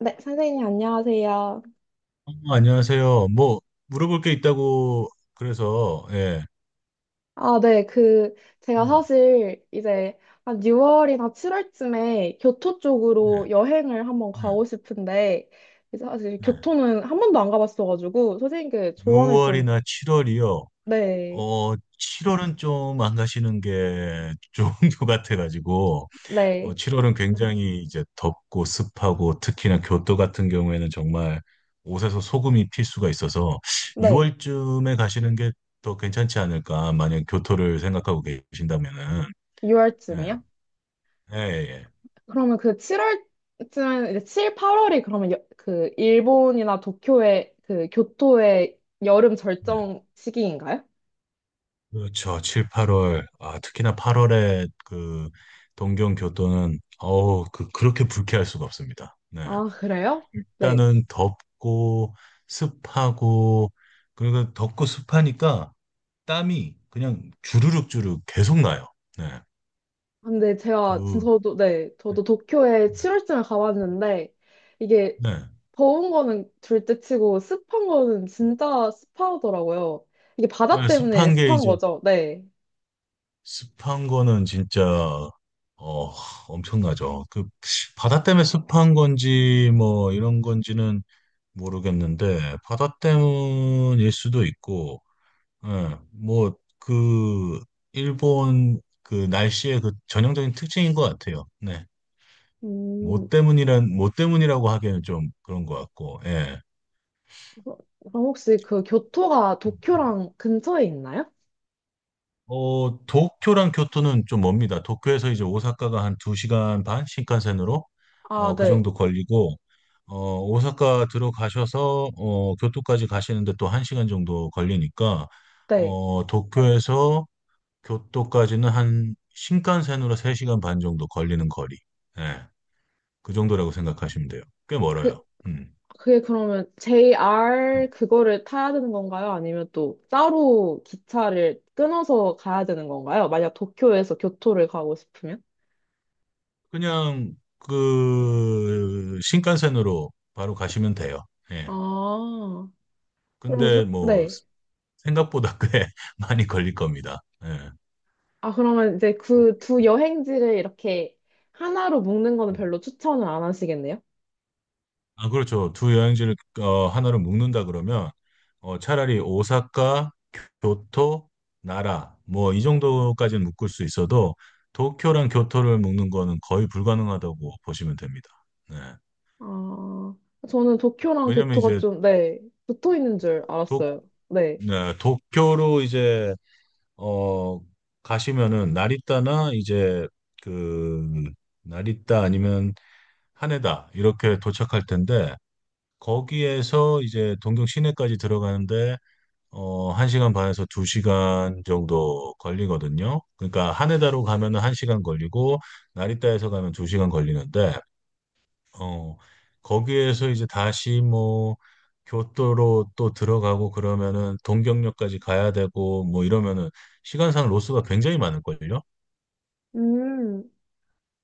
네, 선생님, 안녕하세요. 안녕하세요. 뭐 물어볼 게 있다고 그래서 예. 아, 네, 제가 네, 사실 이제 한 6월이나 7월쯤에 교토 네, 쪽으로 여행을 한번 네, 가고 싶은데, 이제 사실 네. 교토는 한 번도 안 가봤어가지고, 선생님께 조언을 좀, 6월이나 7월이요. 네, 7월은 좀 안 가시는 게 좋은 것 같아가지고. 네, 7월은 굉장히 이제 덥고 습하고 특히나 교토 같은 경우에는 정말 옷에서 소금이 필 수가 있어서 네, 6월쯤에 가시는 게 더 괜찮지 않을까, 만약 교토를 생각하고 계신다면은? 예, 6월쯤이요? 예, 예. 그러면 그 7월쯤, 이제 7, 8월이 그러면 그 일본이나 도쿄의 그 교토의 여름 예. 절정 시기인가요? 그렇죠. 7, 8월. 아, 특히나 8월에 그 동경 교토는 어우, 그렇게 불쾌할 수가 없습니다. 네. 아, 그래요? 네. 일단은 덥고 습하고 그리고 덥고 습하니까 땀이 그냥 주르륵 주르륵 계속 나요. 네. 아, 근데 제가 그 저도 네 네. 저도 도쿄에 7월쯤에 가봤는데 이게 네. 더운 거는 둘째치고 습한 거는 진짜 습하더라고요. 이게 바다 아, 때문에 습한 게 습한 이제 거죠. 네. 습한 거는 진짜 어, 엄청나죠. 그 바다 때문에 습한 건지 뭐 이런 건지는 모르겠는데 바다 때문일 수도 있고, 예, 뭐그 일본 그 날씨의 그 전형적인 특징인 것 같아요. 네, 음, 뭐 때문이란 뭐 때문이라고 하기에는 좀 그런 것 같고, 예. 그럼 혹시 그 교토가 도쿄랑 근처에 있나요? 도쿄랑 교토는 좀 멉니다. 도쿄에서 이제 오사카가 한 2시간 반 신칸센으로 아, 그 네. 정도 걸리고 오사카 들어가셔서 교토까지 가시는데 또 1시간 정도 걸리니까 네. 도쿄에서 교토까지는 한 신칸센으로 3시간 반 정도 걸리는 거리. 예. 그 정도라고 생각하시면 돼요. 꽤 그 멀어요. 음. 그게 그러면 음. JR 그거를 타야 되는 건가요? 아니면 또 따로 기차를 끊어서 가야 되는 건가요? 만약 도쿄에서 교토를 가고 싶으면? 그냥 그 신칸센으로 바로 가시면 돼요. 예. 아. 로즈, 근데 뭐 네. 생각보다 꽤 많이 걸릴 겁니다. 예. 아, 그러면 이제 그 두 여행지를 이렇게 하나로 묶는 거는 별로 추천을 안 하시겠네요? 아, 그렇죠. 두 여행지를 하나로 묶는다 그러면 차라리 오사카, 교토, 나라 뭐 이 정도까지는 묶을 수 있어도 도쿄랑 교토를 묶는 거는 거의 불가능하다고 보시면 됩니다. 네. 아, 저는 도쿄랑 왜냐면 교토가 이제 좀, 네, 붙어 있는 줄 도, 알았어요. 네. 네, 도쿄로 이제 어, 가시면은 나리타나 이제 그 나리타 아니면 하네다 이렇게 도착할 텐데 거기에서 이제 동경 시내까지 들어가는데 1시간 반에서 2시간 정도 걸리거든요. 그러니까 하네다로 가면은 1시간 걸리고 나리타에서 가면 2시간 걸리는데 어, 거기에서 이제 다시 뭐 교토로 또 들어가고 그러면은 동경역까지 가야 되고 뭐 이러면은 시간상 로스가 굉장히 많을걸요. 음.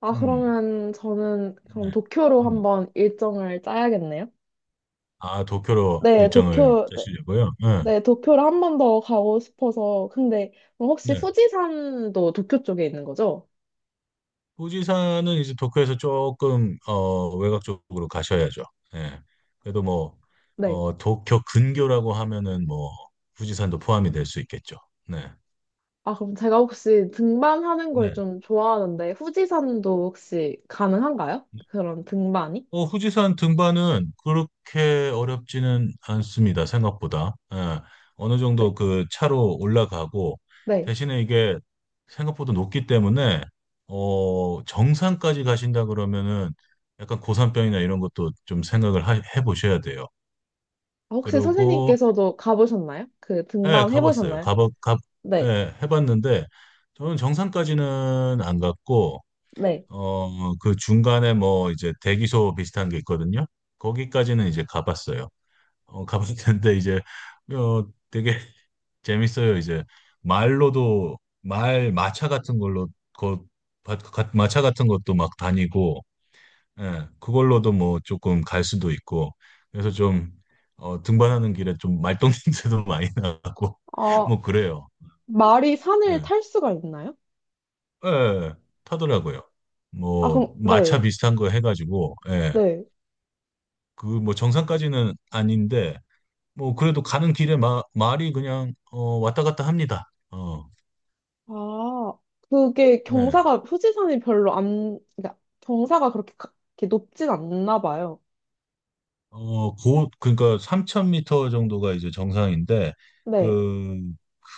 아, 음. 그러면 저는 네. 그럼 도쿄로 음. 한번 일정을 짜야겠네요? 아, 도쿄로 네, 일정을 도쿄, 네, 짜시려고요? 네. 네, 도쿄를 한번 더 가고 싶어서. 근데 그럼 혹시 네. 후지산도 도쿄 쪽에 있는 거죠? 부지사는 이제 도쿄에서 조금 외곽 쪽으로 가셔야죠. 예. 그래도 뭐 네. 도쿄 근교라고 하면은 뭐 후지산도 포함이 될 수 있겠죠. 네. 아, 그럼 제가 혹시 등반하는 걸 네. 좀 좋아하는데, 후지산도 혹시 가능한가요? 그런 등반이? 후지산 등반은 그렇게 어렵지는 않습니다. 생각보다. 예. 어느 네. 정도 그 차로 올라가고 네. 대신에 이게 생각보다 높기 때문에 정상까지 가신다 그러면은 약간 고산병이나 이런 것도 좀 생각을 해보셔야 돼요. 아, 혹시 그러고 선생님께서도 가보셨나요? 그 예, 등반 가봤어요. 해보셨나요? 가봐 가 네. 예, 해봤는데 저는 정상까지는 안 갔고 네. 그 중간에 뭐 이제 대기소 비슷한 게 있거든요. 거기까지는 이제 가봤어요. 가봤는데 이제 되게 재밌어요. 이제 말로도 말 마차 같은 걸로 그 마차 같은 것도 막 다니고 예, 그걸로도 뭐 조금 갈 수도 있고, 그래서 좀, 등반하는 길에 좀 말똥 냄새도 많이 나고, 아, 뭐 그래요. 말이 산을 예, 탈 수가 있나요? 예, 타더라고요. 아, 뭐, 그럼, 마차 네. 비슷한 거 해가지고, 예, 네. 그 뭐 정상까지는 아닌데, 뭐 그래도 가는 길에 말이 그냥, 왔다 갔다 합니다. 아, 그게 네. 경사가, 후지산이 별로 안, 그러니까 경사가 그렇게, 이렇게 높진 않나 봐요. 그러니까 3,000m 정도가 이제 정상인데, 네. 그,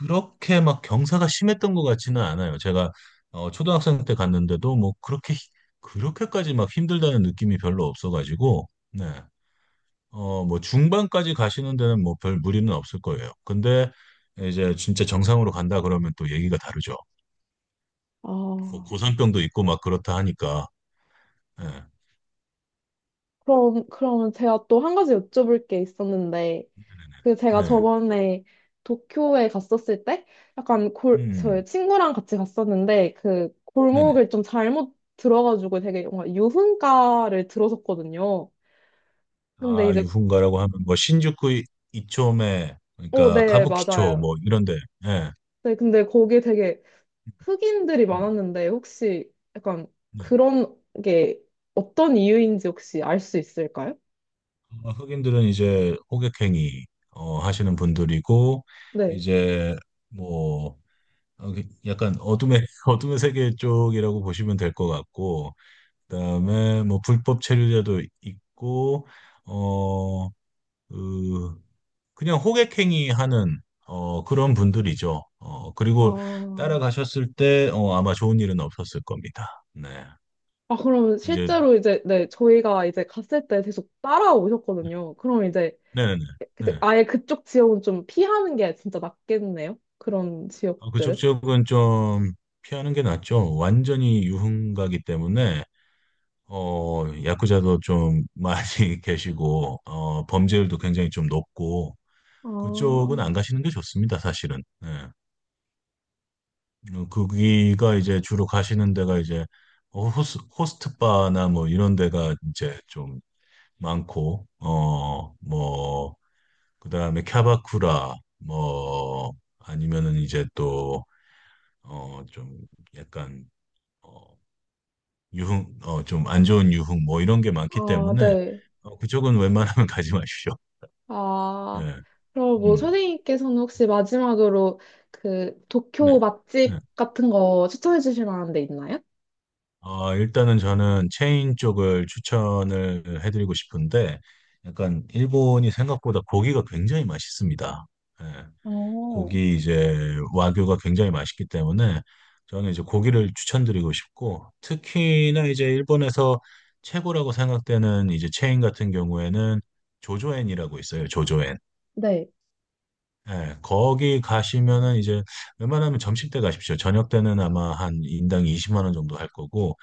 그렇게 막 경사가 심했던 것 같지는 않아요. 제가, 초등학생 때 갔는데도 뭐 그렇게, 그렇게까지 막 힘들다는 느낌이 별로 없어가지고, 네. 뭐 중반까지 가시는 데는 뭐 별 무리는 없을 거예요. 근데 이제 진짜 정상으로 간다 그러면 또 얘기가 다르죠. 뭐 아, 고산병도 있고 막 그렇다 하니까, 예. 네. 그럼, 그러면 제가 또 한 가지 여쭤볼 게 있었는데, 그 제가 네. 네. 네. 저번에 도쿄에 갔었을 때 약간 음, 저희 친구랑 같이 갔었는데 그 네네. 골목을 좀 잘못 들어가지고 되게 뭔가 유흥가를 들어섰거든요. 근데 아, 이제 유흥가라고 하면 뭐 신주쿠 이초메, 그러니까 네, 가부키초 맞아요. 뭐 이런데. 예. 네, 근데 거기에 되게 흑인들이 음, 많았는데 혹시 약간 네. 그런 게 어떤 이유인지 혹시 알 수 있을까요? 흑인들은 이제 호객행위 하시는 분들이고 네. 이제 뭐 그 약간 어둠의 어둠의 세계 쪽이라고 보시면 될 것 같고 그다음에 뭐 불법 체류자도 있고 어그 그냥 호객행위 하는 그런 분들이죠. 그리고 아, 따라가셨을 때 아마 좋은 일은 없었을 겁니다. 네. 아, 그럼 이제 실제로 이제, 네, 저희가 이제 갔을 때 계속 따라오셨거든요. 그럼 이제 네네네. 네. 아예 그쪽 지역은 좀 피하는 게 진짜 낫겠네요. 그런 그쪽 지역들은. 지역은 좀 피하는 게 낫죠. 완전히 유흥가기 때문에 야쿠자도 좀 많이 계시고 범죄율도 굉장히 좀 높고 아, 그쪽은 안 가시는 게 좋습니다, 사실은. 네. 거기가 이제 주로 가시는 데가 이제 호스트 바나 뭐 이런 데가 이제 좀 많고, 뭐, 그 다음에 캬바쿠라, 뭐, 아니면은 이제 또, 좀 약간, 어, 좀 안 좋은 유흥 뭐 이런 게 많기 아, 때문에, 네. 그쪽은 웬만하면 가지 마십시오. 아, 예, 그럼 뭐 음, 선생님께서는 혹시 마지막으로 그 네, 도쿄 네. 맛집 같은 거 추천해 주실 만한 데 있나요? 일단은 저는 체인 쪽을 추천을 해드리고 싶은데, 약간 일본이 생각보다 고기가 굉장히 맛있습니다. 예, 어, 고기 이제 와규가 굉장히 맛있기 때문에 저는 이제 고기를 추천드리고 싶고, 특히나 이제 일본에서 최고라고 생각되는 이제 체인 같은 경우에는 조조엔이라고 있어요. 조조엔. 네. 예, 거기 가시면은 이제 웬만하면 점심 때 가십시오. 저녁 때는 아마 한 인당 20만 원 정도 할 거고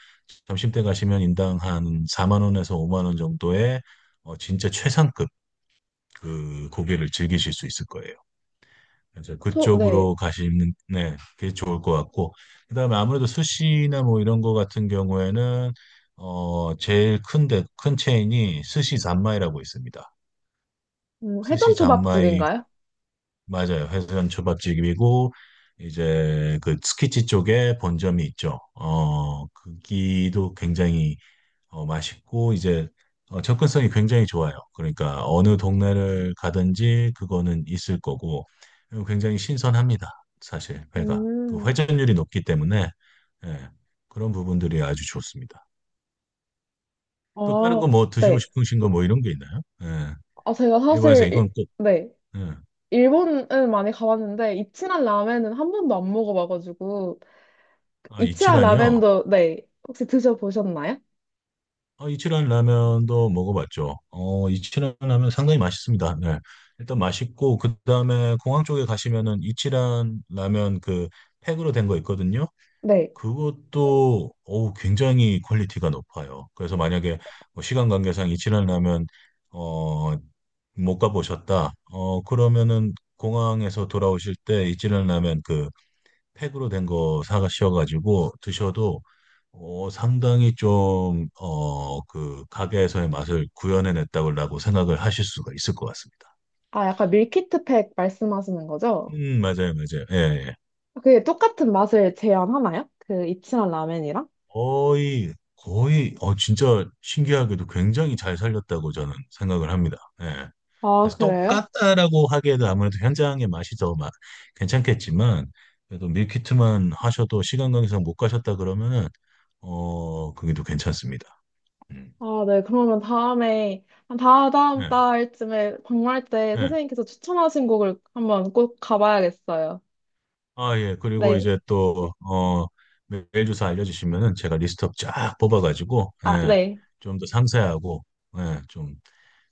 점심 때 가시면 인당 한 4만 원에서 5만 원 정도의 진짜 최상급 그 고기를 즐기실 수 있을 거예요. 그래서 네. 그쪽으로 가시는, 네, 그게 좋을 것 같고 그다음에 아무래도 스시나 뭐 이런 거 같은 경우에는 제일 큰데 큰 체인이 스시 잔마이라고 있습니다. 스시 회전 초밥집인가요? 맞아요. 회전 초밥집이고 이제 그 스키치 쪽에 본점이 있죠. 거기도 굉장히 맛있고 이제 접근성이 굉장히 좋아요. 그러니까 어느 동네를 가든지 그거는 있을 거고 그리고 굉장히 신선합니다. 사실 회가 그 음. 회전율이 높기 때문에. 예, 그런 부분들이 아주 좋습니다. 또 다른 아, 거 뭐 드시고 네. 싶으신 거 뭐 이런 게 있나요? 예, 아, 제가 일본에서 사실, 이건 꼭. 네. 예, 일본은 많이 가봤는데, 이치란 라멘은 한 번도 안 먹어봐가지고, 아, 이치아 이치란이요. 라벤더, 네. 혹시 드셔보셨나요? 이치란 라면도 먹어봤죠. 이치란 라면 상당히 맛있습니다. 네. 일단 맛있고, 그 다음에 공항 쪽에 가시면은 이치란 라면 그 팩으로 된 거 있거든요. 네. 그것도, 어우, 굉장히 퀄리티가 높아요. 그래서 만약에 뭐 시간 관계상 이치란 라면, 어, 못 가보셨다. 그러면은 공항에서 돌아오실 때 이치란 라면 그 팩으로 된 거 사가셔가지고 드셔도 상당히 좀, 그 가게에서의 맛을 구현해냈다고 생각을 하실 수가 있을 것 같습니다. 아, 약간 밀키트팩 말씀하시는 거죠? 맞아요, 맞아요. 예, 예. 아, 그게 똑같은 맛을 제한하나요? 그 이치아 라멘이랑? 거의, 거의, 진짜 신기하게도 굉장히 잘 살렸다고 저는 생각을 합니다. 예. 아, 그래서 그래요? 똑같다라고 하기에도 아무래도 현장의 맛이 더 괜찮겠지만, 그래도 밀키트만 하셔도 시간 관계상 못 가셨다 그러면은, 그게 또 괜찮습니다. 음, 아, 네. 그러면 다음에, 한 다다음 예, 달쯤에 방문할 때 예. 선생님께서 추천하신 곡을 한번 꼭 가봐야겠어요. 아, 예. 그리고 네. 이제 또, 메일 주소 알려주시면은 제가 리스트업 쫙 뽑아가지고, 아, 예. 네. 좀 더 상세하고, 예.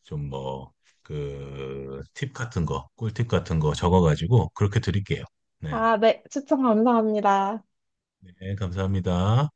좀 뭐, 그, 팁 같은 거, 꿀팁 같은 거 적어가지고, 그렇게 드릴게요. 네. 아, 네. 추천 감사합니다. 네. 감사합니다.